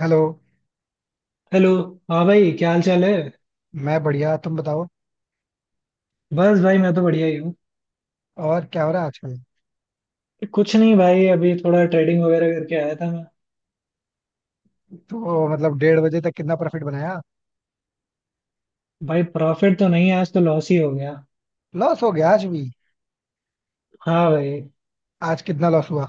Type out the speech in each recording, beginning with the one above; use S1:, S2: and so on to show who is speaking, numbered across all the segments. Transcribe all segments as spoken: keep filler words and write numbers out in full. S1: Hello.
S2: Hello. हाँ भाई, क्या हाल चाल है?
S1: मैं बढ़िया, तुम बताओ।
S2: बस भाई, मैं तो बढ़िया ही हूँ।
S1: और क्या हो रहा है आजकल।
S2: कुछ नहीं भाई, अभी थोड़ा ट्रेडिंग वगैरह करके आया था मैं।
S1: तो मतलब डेढ़ बजे तक कितना प्रॉफिट बनाया।
S2: भाई प्रॉफिट तो नहीं, आज तो लॉस ही हो गया।
S1: लॉस हो गया आज भी।
S2: हाँ भाई।
S1: आज कितना लॉस हुआ।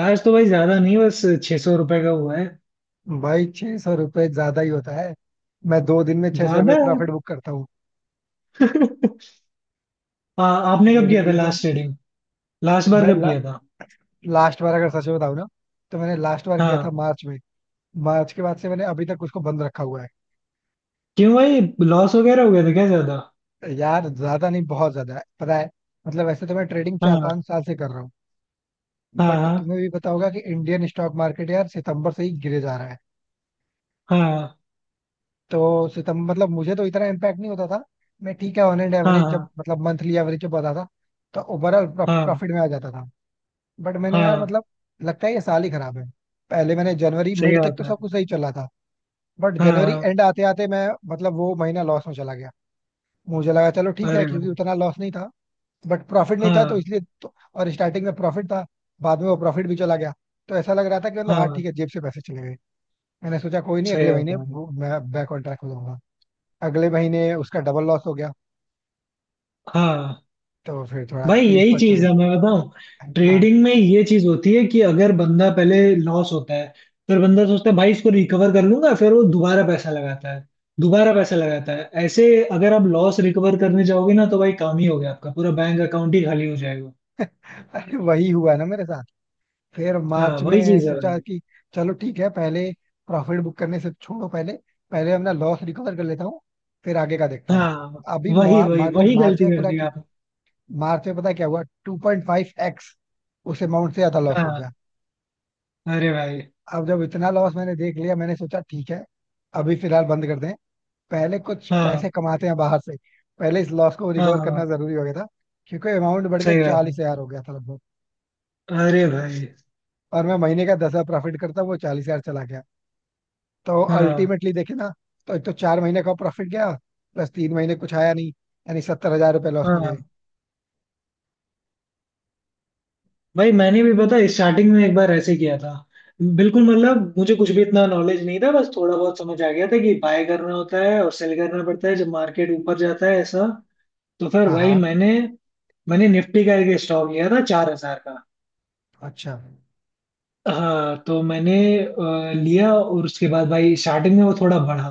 S2: आज तो भाई ज्यादा नहीं, बस छह सौ रुपए का हुआ है।
S1: भाई छह सौ रुपये ज्यादा ही होता है। मैं दो दिन में छह सौ रुपये
S2: ज्यादा है।
S1: प्रॉफिट बुक करता हूँ।
S2: आ, आपने कब
S1: मेरे
S2: किया था
S1: लिए तो
S2: लास्ट ट्रेडिंग? लास्ट बार
S1: मैं
S2: कब
S1: ला,
S2: किया था?
S1: लास्ट बार अगर सच में बताऊँ ना, तो मैंने लास्ट बार किया
S2: हाँ।
S1: था मार्च में। मार्च के बाद से मैंने अभी तक उसको बंद रखा हुआ है।
S2: क्यों भाई? लॉस वगैरह हो गया था क्या ज्यादा?
S1: यार ज्यादा नहीं, बहुत ज्यादा है, पता है। मतलब वैसे तो मैं ट्रेडिंग चार
S2: हाँ।
S1: पांच साल से कर रहा हूँ। बट
S2: हाँ।
S1: तुम्हें भी पता होगा कि इंडियन स्टॉक मार्केट यार सितंबर से ही गिरे जा रहा है।
S2: हाँ।
S1: तो सितंबर, मतलब मुझे तो इतना इम्पैक्ट नहीं होता था। मैं ठीक है, ऑन एंड
S2: हाँ।
S1: एवरेज जब
S2: हाँ।
S1: मतलब मंथली एवरेज जब आता था, तो ओवरऑल
S2: हाँ।
S1: प्रॉफिट में आ जाता था। बट मैंने यार
S2: हाँ।
S1: मतलब, लगता है ये साल ही खराब है। पहले मैंने जनवरी
S2: सही
S1: मिड तक
S2: बात
S1: तो
S2: है।
S1: सब कुछ सही चला था। बट
S2: हाँ
S1: जनवरी
S2: हाँ।
S1: एंड आते आते मैं, मतलब वो महीना लॉस में चला गया। मुझे लगा चलो ठीक है
S2: अरे
S1: क्योंकि
S2: भाई।
S1: उतना लॉस नहीं था। बट प्रॉफिट नहीं था तो
S2: हाँ
S1: इसलिए तो, और स्टार्टिंग में प्रॉफिट था। बाद में वो प्रॉफिट भी चला गया। तो ऐसा लग रहा था कि मतलब हाँ
S2: हाँ।
S1: ठीक है, जेब से पैसे चले गए। मैंने सोचा कोई नहीं,
S2: सही
S1: अगले महीने
S2: बात है।
S1: वो- मैं बैक ऑन ट्रैक हो जाऊंगा। अगले महीने उसका डबल लॉस हो गया।
S2: हाँ
S1: तो फिर थोड़ा
S2: भाई,
S1: तकलीफ
S2: यही
S1: में,
S2: चीज
S1: चलो।
S2: है मैं बताऊं।
S1: हाँ।
S2: ट्रेडिंग में ये चीज होती है कि अगर बंदा पहले लॉस होता है, फिर बंदा सोचता है भाई इसको रिकवर कर लूंगा, फिर वो दोबारा पैसा लगाता है, दोबारा पैसा लगाता है ऐसे। अगर आप लॉस रिकवर करने जाओगे ना तो भाई काम ही हो गया, आपका पूरा बैंक अकाउंट ही खाली हो जाएगा।
S1: अरे वही हुआ ना मेरे साथ। फिर
S2: हाँ
S1: मार्च
S2: वही
S1: में
S2: चीज है भाई।
S1: सोचा कि चलो ठीक है, पहले प्रॉफिट बुक करने से छोड़ो, पहले पहले अपना लॉस रिकवर कर लेता हूँ, फिर आगे का देखता हूँ।
S2: हाँ
S1: अभी
S2: वही
S1: मा-
S2: वही
S1: मतलब
S2: वही
S1: मार्च
S2: गलती
S1: में
S2: कर
S1: पूरा,
S2: दी आप।
S1: मार्च में पता है क्या हुआ, टू पॉइंट फाइव एक्स उस अमाउंट से ज्यादा लॉस हो
S2: हाँ
S1: गया।
S2: अरे भाई।
S1: अब जब इतना लॉस मैंने देख लिया, मैंने सोचा ठीक है, अभी फिलहाल बंद कर दें, पहले कुछ
S2: हाँ
S1: पैसे कमाते हैं बाहर से। पहले इस लॉस को
S2: हाँ।
S1: रिकवर करना
S2: हाँ,
S1: जरूरी हो गया था क्योंकि अमाउंट बढ़
S2: सही
S1: के
S2: बात
S1: चालीस
S2: है।
S1: हजार हो गया था लगभग।
S2: अरे भाई।
S1: और मैं महीने का दस हजार प्रॉफिट करता, वो चालीस हजार चला गया। तो
S2: हाँ
S1: अल्टीमेटली देखे ना, तो एक तो चार महीने का प्रॉफिट गया, प्लस तीन महीने कुछ आया नहीं, यानी सत्तर हजार रुपये लॉस में गए।
S2: हाँ भाई मैंने भी पता स्टार्टिंग में एक बार ऐसे किया था। बिल्कुल मतलब मुझे कुछ भी इतना नॉलेज नहीं था, बस थोड़ा बहुत समझ आ गया था कि बाय करना होता है और सेल करना पड़ता है जब मार्केट ऊपर जाता है ऐसा। तो फिर
S1: हाँ
S2: भाई
S1: हाँ।
S2: मैंने मैंने निफ्टी का एक स्टॉक लिया था चार हजार का।
S1: अच्छा।
S2: हाँ तो मैंने अ, लिया, और उसके बाद भाई स्टार्टिंग में वो थोड़ा बढ़ा।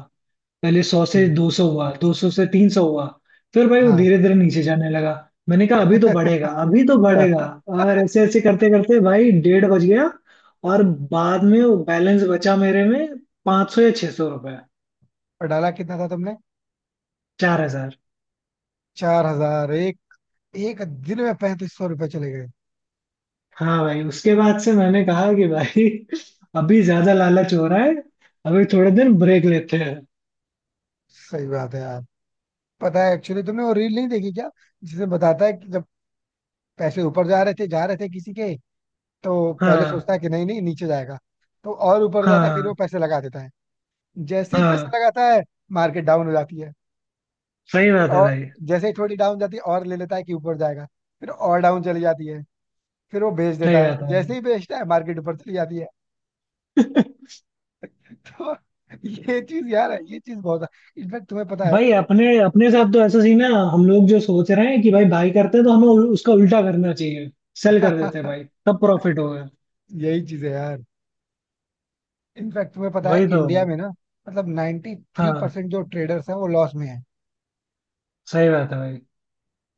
S2: पहले सौ से
S1: हम्म,
S2: दो सौ हुआ, दो सौ से तीन सौ हुआ। फिर भाई वो
S1: हाँ।
S2: धीरे धीरे नीचे जाने लगा। मैंने कहा अभी तो बढ़ेगा, अभी तो बढ़ेगा। और ऐसे ऐसे करते करते भाई डेढ़ बज गया। और बाद में वो बैलेंस बचा मेरे में पाँच सौ या छह सौ रुपए।
S1: और डाला कितना था तुमने।
S2: चार हजार।
S1: चार हजार, एक एक दिन में पैंतीस सौ रुपए चले गए।
S2: हाँ भाई उसके बाद से मैंने कहा कि भाई अभी ज्यादा लालच हो रहा है। अभी थोड़े दिन ब्रेक लेते हैं।
S1: सही बात है यार। पता है एक्चुअली तुमने वो रील नहीं देखी क्या, जिसमें बताता है कि जब पैसे ऊपर जा रहे थे जा रहे थे किसी के, तो पहले
S2: हाँ
S1: सोचता है कि नहीं नहीं नीचे जाएगा, तो और ऊपर जाता है, फिर वो
S2: हाँ।
S1: पैसे लगा देता है। जैसे ही पैसे
S2: हाँ
S1: लगाता है, मार्केट डाउन हो जाती है।
S2: सही बात है
S1: और
S2: भाई।
S1: जैसे ही थोड़ी डाउन जाती है, और ले लेता है कि ऊपर जाएगा, फिर और डाउन चली जाती है, फिर वो बेच
S2: सही
S1: देता है।
S2: बात है भाई।
S1: जैसे ही बेचता है, मार्केट ऊपर चली जाती है। तो ये चीज यार है, ये चीज बहुत है। इनफैक्ट तुम्हें पता है।
S2: भाई अपने अपने साथ तो ऐसा सीन है, हम लोग जो सोच रहे हैं कि भाई बाई करते हैं तो हमें उल- उसका उल्टा करना चाहिए। सेल कर देते हैं भाई तब प्रॉफिट होगा।
S1: यही चीज है यार। इनफैक्ट तुम्हें पता है
S2: वही तो
S1: इंडिया
S2: भाई।
S1: में ना, मतलब नाइन्टी थ्री परसेंट थ्री
S2: हाँ
S1: परसेंट जो ट्रेडर्स हैं वो लॉस में है।
S2: सही बात है भाई।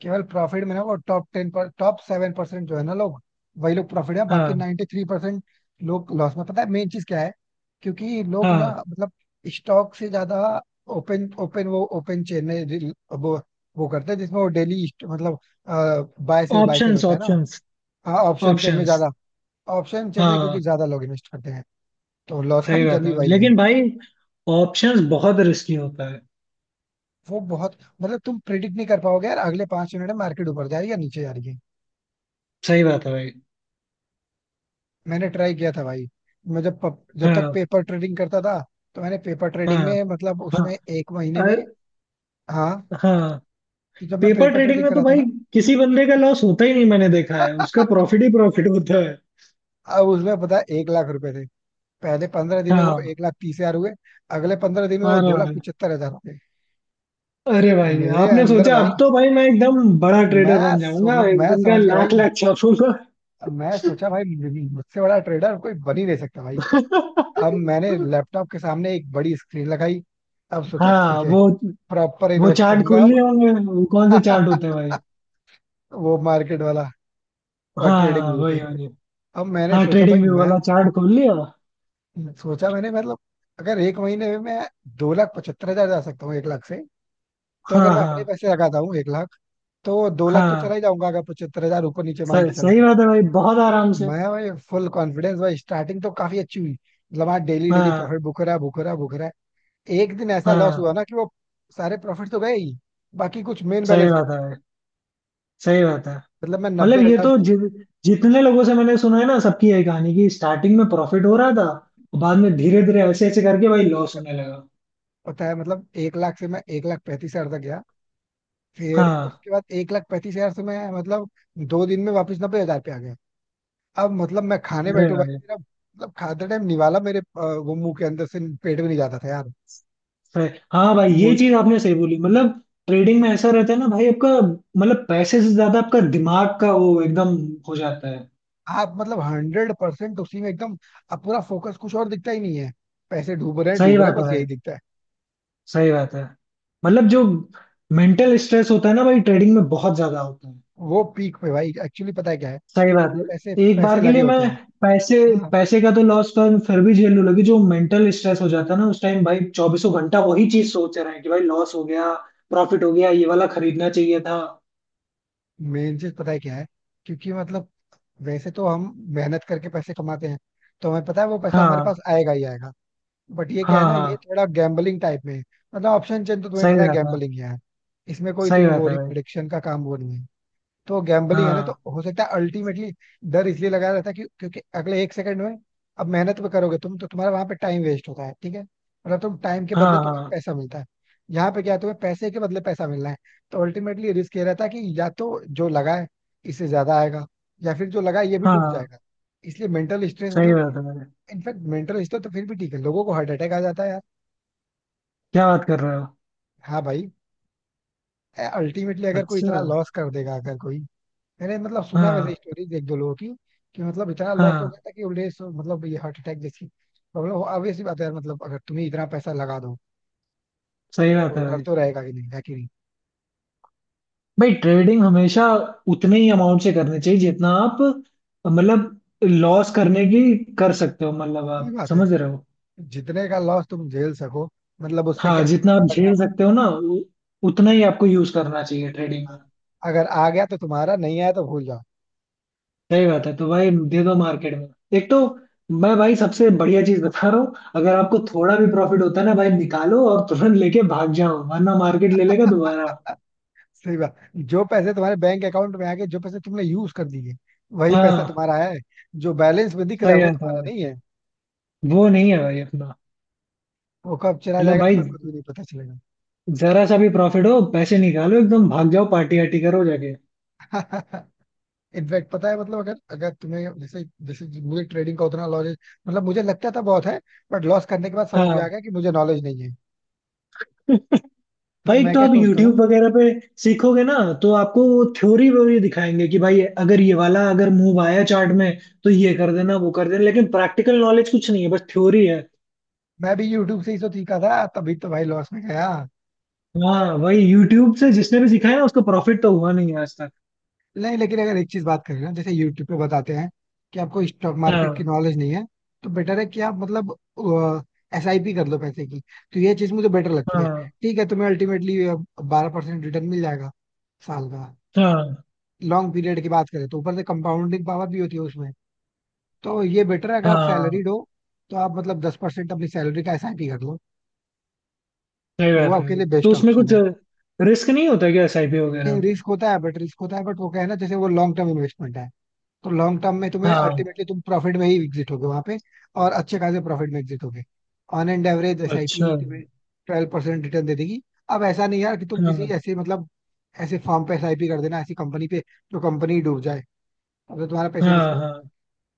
S1: केवल प्रॉफिट में ना, वो टॉप टेन पर, टॉप सेवन परसेंट जो है ना लोग, वही लोग प्रॉफिट में, बाकी
S2: हाँ
S1: नाइन्टी थ्री परसेंट लोग लॉस में। पता है मेन चीज क्या है, क्योंकि लोग ना
S2: हाँ।
S1: मतलब स्टॉक से ज्यादा ओपन ओपन वो ओपन चेन में रिल- वो वो करते हैं जिसमें वो डेली मतलब buy sell buy sell
S2: options
S1: होता है ना।
S2: ऑप्शंस।
S1: हाँ, ऑप्शन चेन में
S2: ऑप्शंस।
S1: ज्यादा, ऑप्शन चेन में क्योंकि
S2: हाँ
S1: ज्यादा लोग इन्वेस्ट करते हैं, तो लॉस का
S2: सही
S1: रीजन
S2: बात
S1: भी
S2: है
S1: वही है।
S2: लेकिन भाई ऑप्शंस बहुत रिस्की होता है।
S1: वो बहुत, मतलब तुम प्रिडिक्ट नहीं कर पाओगे यार अगले पांच मिनट में मार्केट ऊपर जा रही है या नीचे जा रही है।
S2: सही बात है भाई।
S1: मैंने ट्राई किया था भाई। मैं जब पप, जब तक
S2: हाँ।
S1: पेपर ट्रेडिंग करता था, तो मैंने पेपर ट्रेडिंग
S2: हाँ।
S1: में मतलब
S2: हाँ।
S1: उसमें एक महीने में,
S2: अर-
S1: हाँ,
S2: हाँ।
S1: तो जब मैं
S2: पेपर
S1: पेपर
S2: ट्रेडिंग
S1: ट्रेडिंग
S2: में तो
S1: करा था
S2: भाई
S1: ना,
S2: किसी बंदे का लॉस होता ही नहीं, मैंने देखा है उसका प्रॉफिट ही प्रॉफिट होता है।
S1: अब उसमें पता है एक लाख रुपए थे। पहले पंद्रह दिन में वो
S2: हाँ
S1: एक लाख तीस हजार हुए। अगले पंद्रह दिन में वो
S2: अरे
S1: दो लाख
S2: भाई।
S1: पचहत्तर हजार हो गए।
S2: अरे भाई
S1: मेरे
S2: आपने
S1: अंदर
S2: सोचा
S1: भाई,
S2: अब तो भाई मैं एकदम बड़ा ट्रेडर
S1: मैं
S2: बन जाऊंगा,
S1: समझ
S2: एक
S1: मैं
S2: दिन का
S1: समझ गया भाई।
S2: लाख लाख छापूंगा।
S1: मैं सोचा भाई मुझसे बड़ा ट्रेडर कोई बन ही नहीं सकता भाई। अब मैंने लैपटॉप के सामने एक बड़ी स्क्रीन लगाई। अब सोचा
S2: हाँ
S1: ठीक है
S2: वो
S1: प्रॉपर
S2: वो
S1: इन्वेस्ट
S2: चार्ट खोल
S1: करूंगा।
S2: लिए होंगे, वो कौन से
S1: अब
S2: चार्ट होते हैं भाई?
S1: वो मार्केट वाला, और ट्रेडिंग
S2: हाँ
S1: व्यू
S2: वही
S1: पे।
S2: वही।
S1: अब मैंने
S2: हाँ
S1: सोचा भाई
S2: ट्रेडिंग व्यू
S1: मैं,
S2: वाला चार्ट खोल लिया।
S1: सोचा मैंने मतलब, अगर एक महीने में मैं दो लाख पचहत्तर हजार जा सकता हूँ एक लाख से, तो
S2: हाँ
S1: अगर मैं अपने
S2: हाँ।
S1: पैसे लगाता हूँ एक लाख, तो दो लाख तो चला
S2: हाँ
S1: ही जाऊंगा, अगर पचहत्तर हजार ऊपर नीचे मान के
S2: सही
S1: चलो
S2: सही
S1: तो।
S2: बात है भाई, बहुत आराम से।
S1: मैं भाई फुल कॉन्फिडेंस, भाई स्टार्टिंग तो काफी अच्छी हुई, मतलब हाँ डेली डेली
S2: हाँ
S1: प्रॉफिट बुक हो रहा है, बुक हो रहा है, बुक हो रहा है। एक दिन ऐसा लॉस
S2: हाँ।
S1: हुआ ना कि वो सारे प्रॉफिट तो गए ही, बाकी कुछ मेन
S2: सही
S1: बैलेंस में,
S2: बात है भाई। सही बात है।
S1: मतलब मैं नब्बे
S2: मतलब ये
S1: हजार
S2: तो
S1: से।
S2: जि, जितने लोगों से मैंने सुना है ना सबकी यही कहानी कि स्टार्टिंग में प्रॉफिट हो रहा था। और बाद में धीरे धीरे ऐसे ऐसे करके भाई लॉस होने लगा।
S1: पता है मतलब एक लाख से मैं एक लाख पैंतीस हजार तक गया, फिर
S2: हाँ।
S1: उसके बाद एक लाख पैंतीस हजार से मैं मतलब दो दिन में वापस नब्बे हजार पे आ गया। अब मतलब मैं खाने
S2: अरे
S1: बैठू भाई,
S2: भाई।
S1: मेरा मतलब खाते टाइम निवाला मेरे अ, वो मुंह के अंदर से पेट में नहीं जाता था यार।
S2: सही- हाँ भाई ये
S1: मुझ
S2: चीज आपने सही बोली मतलब। ट्रेडिंग में ऐसा रहता है ना भाई आपका। मतलब पैसे से ज्यादा आपका दिमाग का वो एकदम हो जाता है।
S1: आप मतलब हंड्रेड परसेंट उसी में एकदम, अब पूरा फोकस कुछ और दिखता ही नहीं है, पैसे डूब रहे हैं
S2: सही
S1: डूब रहे हैं
S2: बात है
S1: बस
S2: भाई।
S1: यही दिखता है।
S2: सही बात है। मतलब जो मेंटल स्ट्रेस होता है ना भाई ट्रेडिंग में बहुत ज्यादा होता है।
S1: वो पीक पे भाई एक्चुअली पता है क्या है,
S2: सही बात है।
S1: पैसे
S2: एक बार
S1: पैसे
S2: के
S1: लगे
S2: लिए मैं
S1: होते हैं।
S2: पैसे
S1: हाँ।
S2: पैसे का तो लॉस कर फिर भी झेल लूं, लेकिन जो मेंटल स्ट्रेस हो जाता है ना उस टाइम भाई चौबीसों घंटा वही चीज सोच रहे हैं कि भाई लॉस हो गया, प्रॉफिट हो गया, ये वाला खरीदना चाहिए था।
S1: मेन चीज पता है क्या है, क्योंकि मतलब वैसे तो हम मेहनत करके पैसे कमाते हैं, तो हमें पता है वो पैसा हमारे
S2: हाँ
S1: पास आएगा ही आएगा। बट ये क्या
S2: हाँ
S1: है ना,
S2: हाँ
S1: ये थोड़ा गैम्बलिंग टाइप में है, मतलब ऑप्शन चेन तो तुम्हें
S2: सही
S1: पता है
S2: बात है।
S1: गैम्बलिंग ही है, इसमें कोई तुम
S2: सही बात
S1: वो
S2: है
S1: नहीं,
S2: भाई।
S1: प्रिडिक्शन का काम वो नहीं है। तो गैम्बलिंग है ना, तो
S2: हाँ
S1: हो सकता है अल्टीमेटली डर इसलिए लगाया रहता है, कि क्योंकि अगले एक सेकंड में, अब मेहनत भी करोगे तुम तो तुम्हारा वहां पे टाइम वेस्ट होता है, ठीक है, मतलब तुम टाइम के
S2: हाँ
S1: बदले तुम्हें
S2: हाँ
S1: पैसा मिलता है। यहाँ पे क्या है, तुम्हें पैसे के बदले पैसा मिलना है। तो अल्टीमेटली रिस्क ये रहता है कि या तो जो लगा है इससे ज्यादा आएगा, या फिर जो लगा है ये भी डूब
S2: हाँ
S1: जाएगा। इसलिए मेंटल स्ट्रेस
S2: सही
S1: मतलब,
S2: बात है भाई।
S1: इनफैक्ट मेंटल स्ट्रेस तो फिर भी ठीक है, लोगों को हार्ट अटैक आ जाता है।
S2: क्या बात कर रहे हो?
S1: हाँ भाई, अल्टीमेटली अगर कोई
S2: अच्छा।
S1: इतना लॉस कर देगा, अगर कोई, मैंने मतलब सुना वैसे
S2: हाँ
S1: स्टोरीज एक दो लोगों की कि मतलब इतना लॉस हो गया
S2: हाँ।
S1: था कि उन्हें सो- मतलब ये हार्ट अटैक जैसी प्रॉब्लम हो, obvious सी बात है यार, मतलब अगर तुम्हें इतना पैसा लगा दो,
S2: सही
S1: तो
S2: बात है
S1: डर
S2: भाई।
S1: तो रहेगा कि नहीं है कि नहीं।
S2: भाई ट्रेडिंग हमेशा उतने ही अमाउंट से करनी चाहिए जितना आप, मतलब लॉस करने की कर सकते हो, मतलब
S1: सही
S2: आप
S1: बात है।
S2: समझ रहे हो।
S1: जितने का लॉस तुम झेल सको, मतलब उससे
S2: हाँ
S1: क्या
S2: जितना आप
S1: रखना
S2: झेल सकते हो ना उ- उतना ही आपको यूज करना चाहिए ट्रेडिंग में।
S1: पड़ेगा। अगर आ गया तो तुम्हारा, नहीं आया तो भूल जाओ।
S2: सही बात है तो भाई दे दो मार्केट में। एक तो मैं भाई सबसे बढ़िया चीज बता रहा हूँ, अगर आपको थोड़ा भी प्रॉफिट होता है ना भाई निकालो और तुरंत लेके भाग जाओ, वरना मार्केट ले लेगा दोबारा।
S1: सही बात। जो पैसे तुम्हारे बैंक अकाउंट में आ गए, जो पैसे तुमने यूज कर दिए, वही पैसा
S2: हाँ।
S1: तुम्हारा है। जो बैलेंस में दिख रहा है
S2: सही
S1: वो
S2: बात है
S1: तुम्हारा
S2: भाई।
S1: नहीं।
S2: वो नहीं है भाई अपना।
S1: वो कब चला
S2: मतलब
S1: जाएगा
S2: भाई
S1: तुम्हें खुद भी नहीं पता चलेगा।
S2: जरा सा भी प्रॉफिट हो पैसे निकालो, एकदम भाग जाओ, पार्टी वार्टी करो जाके।
S1: इनफैक्ट पता है मतलब अगर अगर तुम्हें, जैसे जैसे मुझे ट्रेडिंग का उतना नॉलेज, मतलब मुझे लगता था बहुत है, बट लॉस करने के बाद समझ में आ
S2: हाँ
S1: गया कि मुझे नॉलेज नहीं है। तो
S2: भाई एक
S1: मैं
S2: तो
S1: क्या
S2: आप
S1: सोचता हूँ।
S2: YouTube वगैरह पे सीखोगे ना तो आपको वो थ्योरी वोरी दिखाएंगे कि भाई अगर ये वाला अगर मूव आया चार्ट में तो ये कर देना वो कर देना, लेकिन प्रैक्टिकल नॉलेज कुछ नहीं है, बस थ्योरी है।
S1: मैं भी यूट्यूब से ही तो सीखा था, तभी तो भाई लॉस में गया।
S2: हाँ वही यूट्यूब से जिसने भी सीखा है ना उसको प्रॉफिट तो हुआ नहीं है आज तक।
S1: नहीं लेकिन अगर एक चीज बात करें ना, जैसे यूट्यूब पे बताते हैं कि आपको स्टॉक मार्केट की
S2: हाँ
S1: नॉलेज नहीं है, तो बेटर है कि आप मतलब एस आई पी कर लो पैसे की। तो ये चीज मुझे बेटर लगती है।
S2: हाँ
S1: ठीक है, तुम्हें अल्टीमेटली बारह परसेंट रिटर्न मिल जाएगा साल का।
S2: हाँ
S1: लॉन्ग पीरियड की बात करें तो ऊपर से कंपाउंडिंग पावर भी होती है उसमें। तो ये बेटर है, अगर आप
S2: हाँ
S1: सैलरीड हो तो आप मतलब दस परसेंट अपनी सैलरी का एसआईपी कर लो।
S2: सही
S1: वो
S2: बात है
S1: आपके
S2: भाई।
S1: लिए
S2: तो
S1: बेस्ट
S2: उसमें कुछ
S1: ऑप्शन
S2: रिस्क नहीं होता क्या एस आई पी वगैरह
S1: है।
S2: में?
S1: रिस्क होता है बट, रिस्क होता है बट वो क्या है ना, जैसे वो लॉन्ग टर्म इन्वेस्टमेंट है, तो लॉन्ग टर्म में तुम्हें
S2: हाँ।
S1: अल्टीमेटली तुम प्रॉफिट में ही एग्जिट होगे वहां पे। और अच्छे खासे प्रॉफिट में एग्जिट होगे। ऑन एंड एवरेज
S2: अच्छा।
S1: एसआईपी तुम्हें ट्वेल्व परसेंट रिटर्न दे देगी। अब ऐसा नहीं यार कि तुम किसी
S2: हाँ
S1: ऐसे मतलब ऐसे फॉर्म पे एसआईपी कर देना, ऐसी कंपनी पे जो कंपनी डूब जाए, अब तो तुम्हारा पैसे
S2: हाँ।
S1: रिस्क।
S2: हाँ।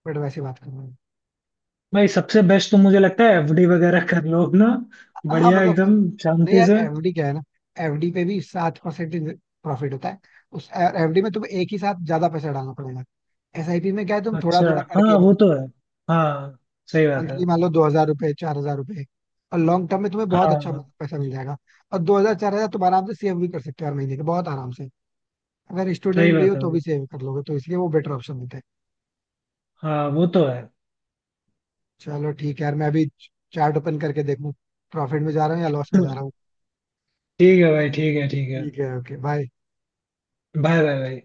S1: बट वैसे बात कर रहे हैं,
S2: भाई सबसे बेस्ट तो मुझे लगता है एफ डी वगैरह कर लो अपना,
S1: हाँ
S2: बढ़िया
S1: मतलब,
S2: एकदम,
S1: नहीं
S2: शांति
S1: यार
S2: से।
S1: एफडी क्या है ना, एफडी पे भी सात परसेंट प्रॉफिट होता है। उस एफडी में तुम्हें एक ही साथ ज्यादा पैसा डालना पड़ेगा। एसआईपी में क्या है तुम थोड़ा
S2: अच्छा।
S1: थोड़ा
S2: हाँ
S1: करके
S2: वो
S1: इन्वेस्ट,
S2: तो है। हाँ। सही बात है।
S1: मंथली मान लो दो हजार रुपए चार हजार रुपए, और लॉन्ग टर्म में तुम्हें बहुत अच्छा
S2: हाँ।
S1: पैसा मिल जाएगा। और दो हजार चार हजार तुम आराम से सेव भी कर सकते हो हर महीने के, बहुत आराम से। अगर
S2: सही
S1: स्टूडेंट भी हो
S2: बात है
S1: तो
S2: भाई।
S1: भी सेव कर लोगे, तो इसलिए वो बेटर ऑप्शन देते हैं।
S2: हाँ वो तो है।
S1: चलो ठीक है यार, मैं अभी चार्ट ओपन करके देखूं प्रॉफिट में जा रहा हूँ या लॉस में जा रहा हूँ।
S2: ठीक है भाई, ठीक है ठीक है।
S1: ठीक है, ओके बाय।
S2: बाय बाय भाई।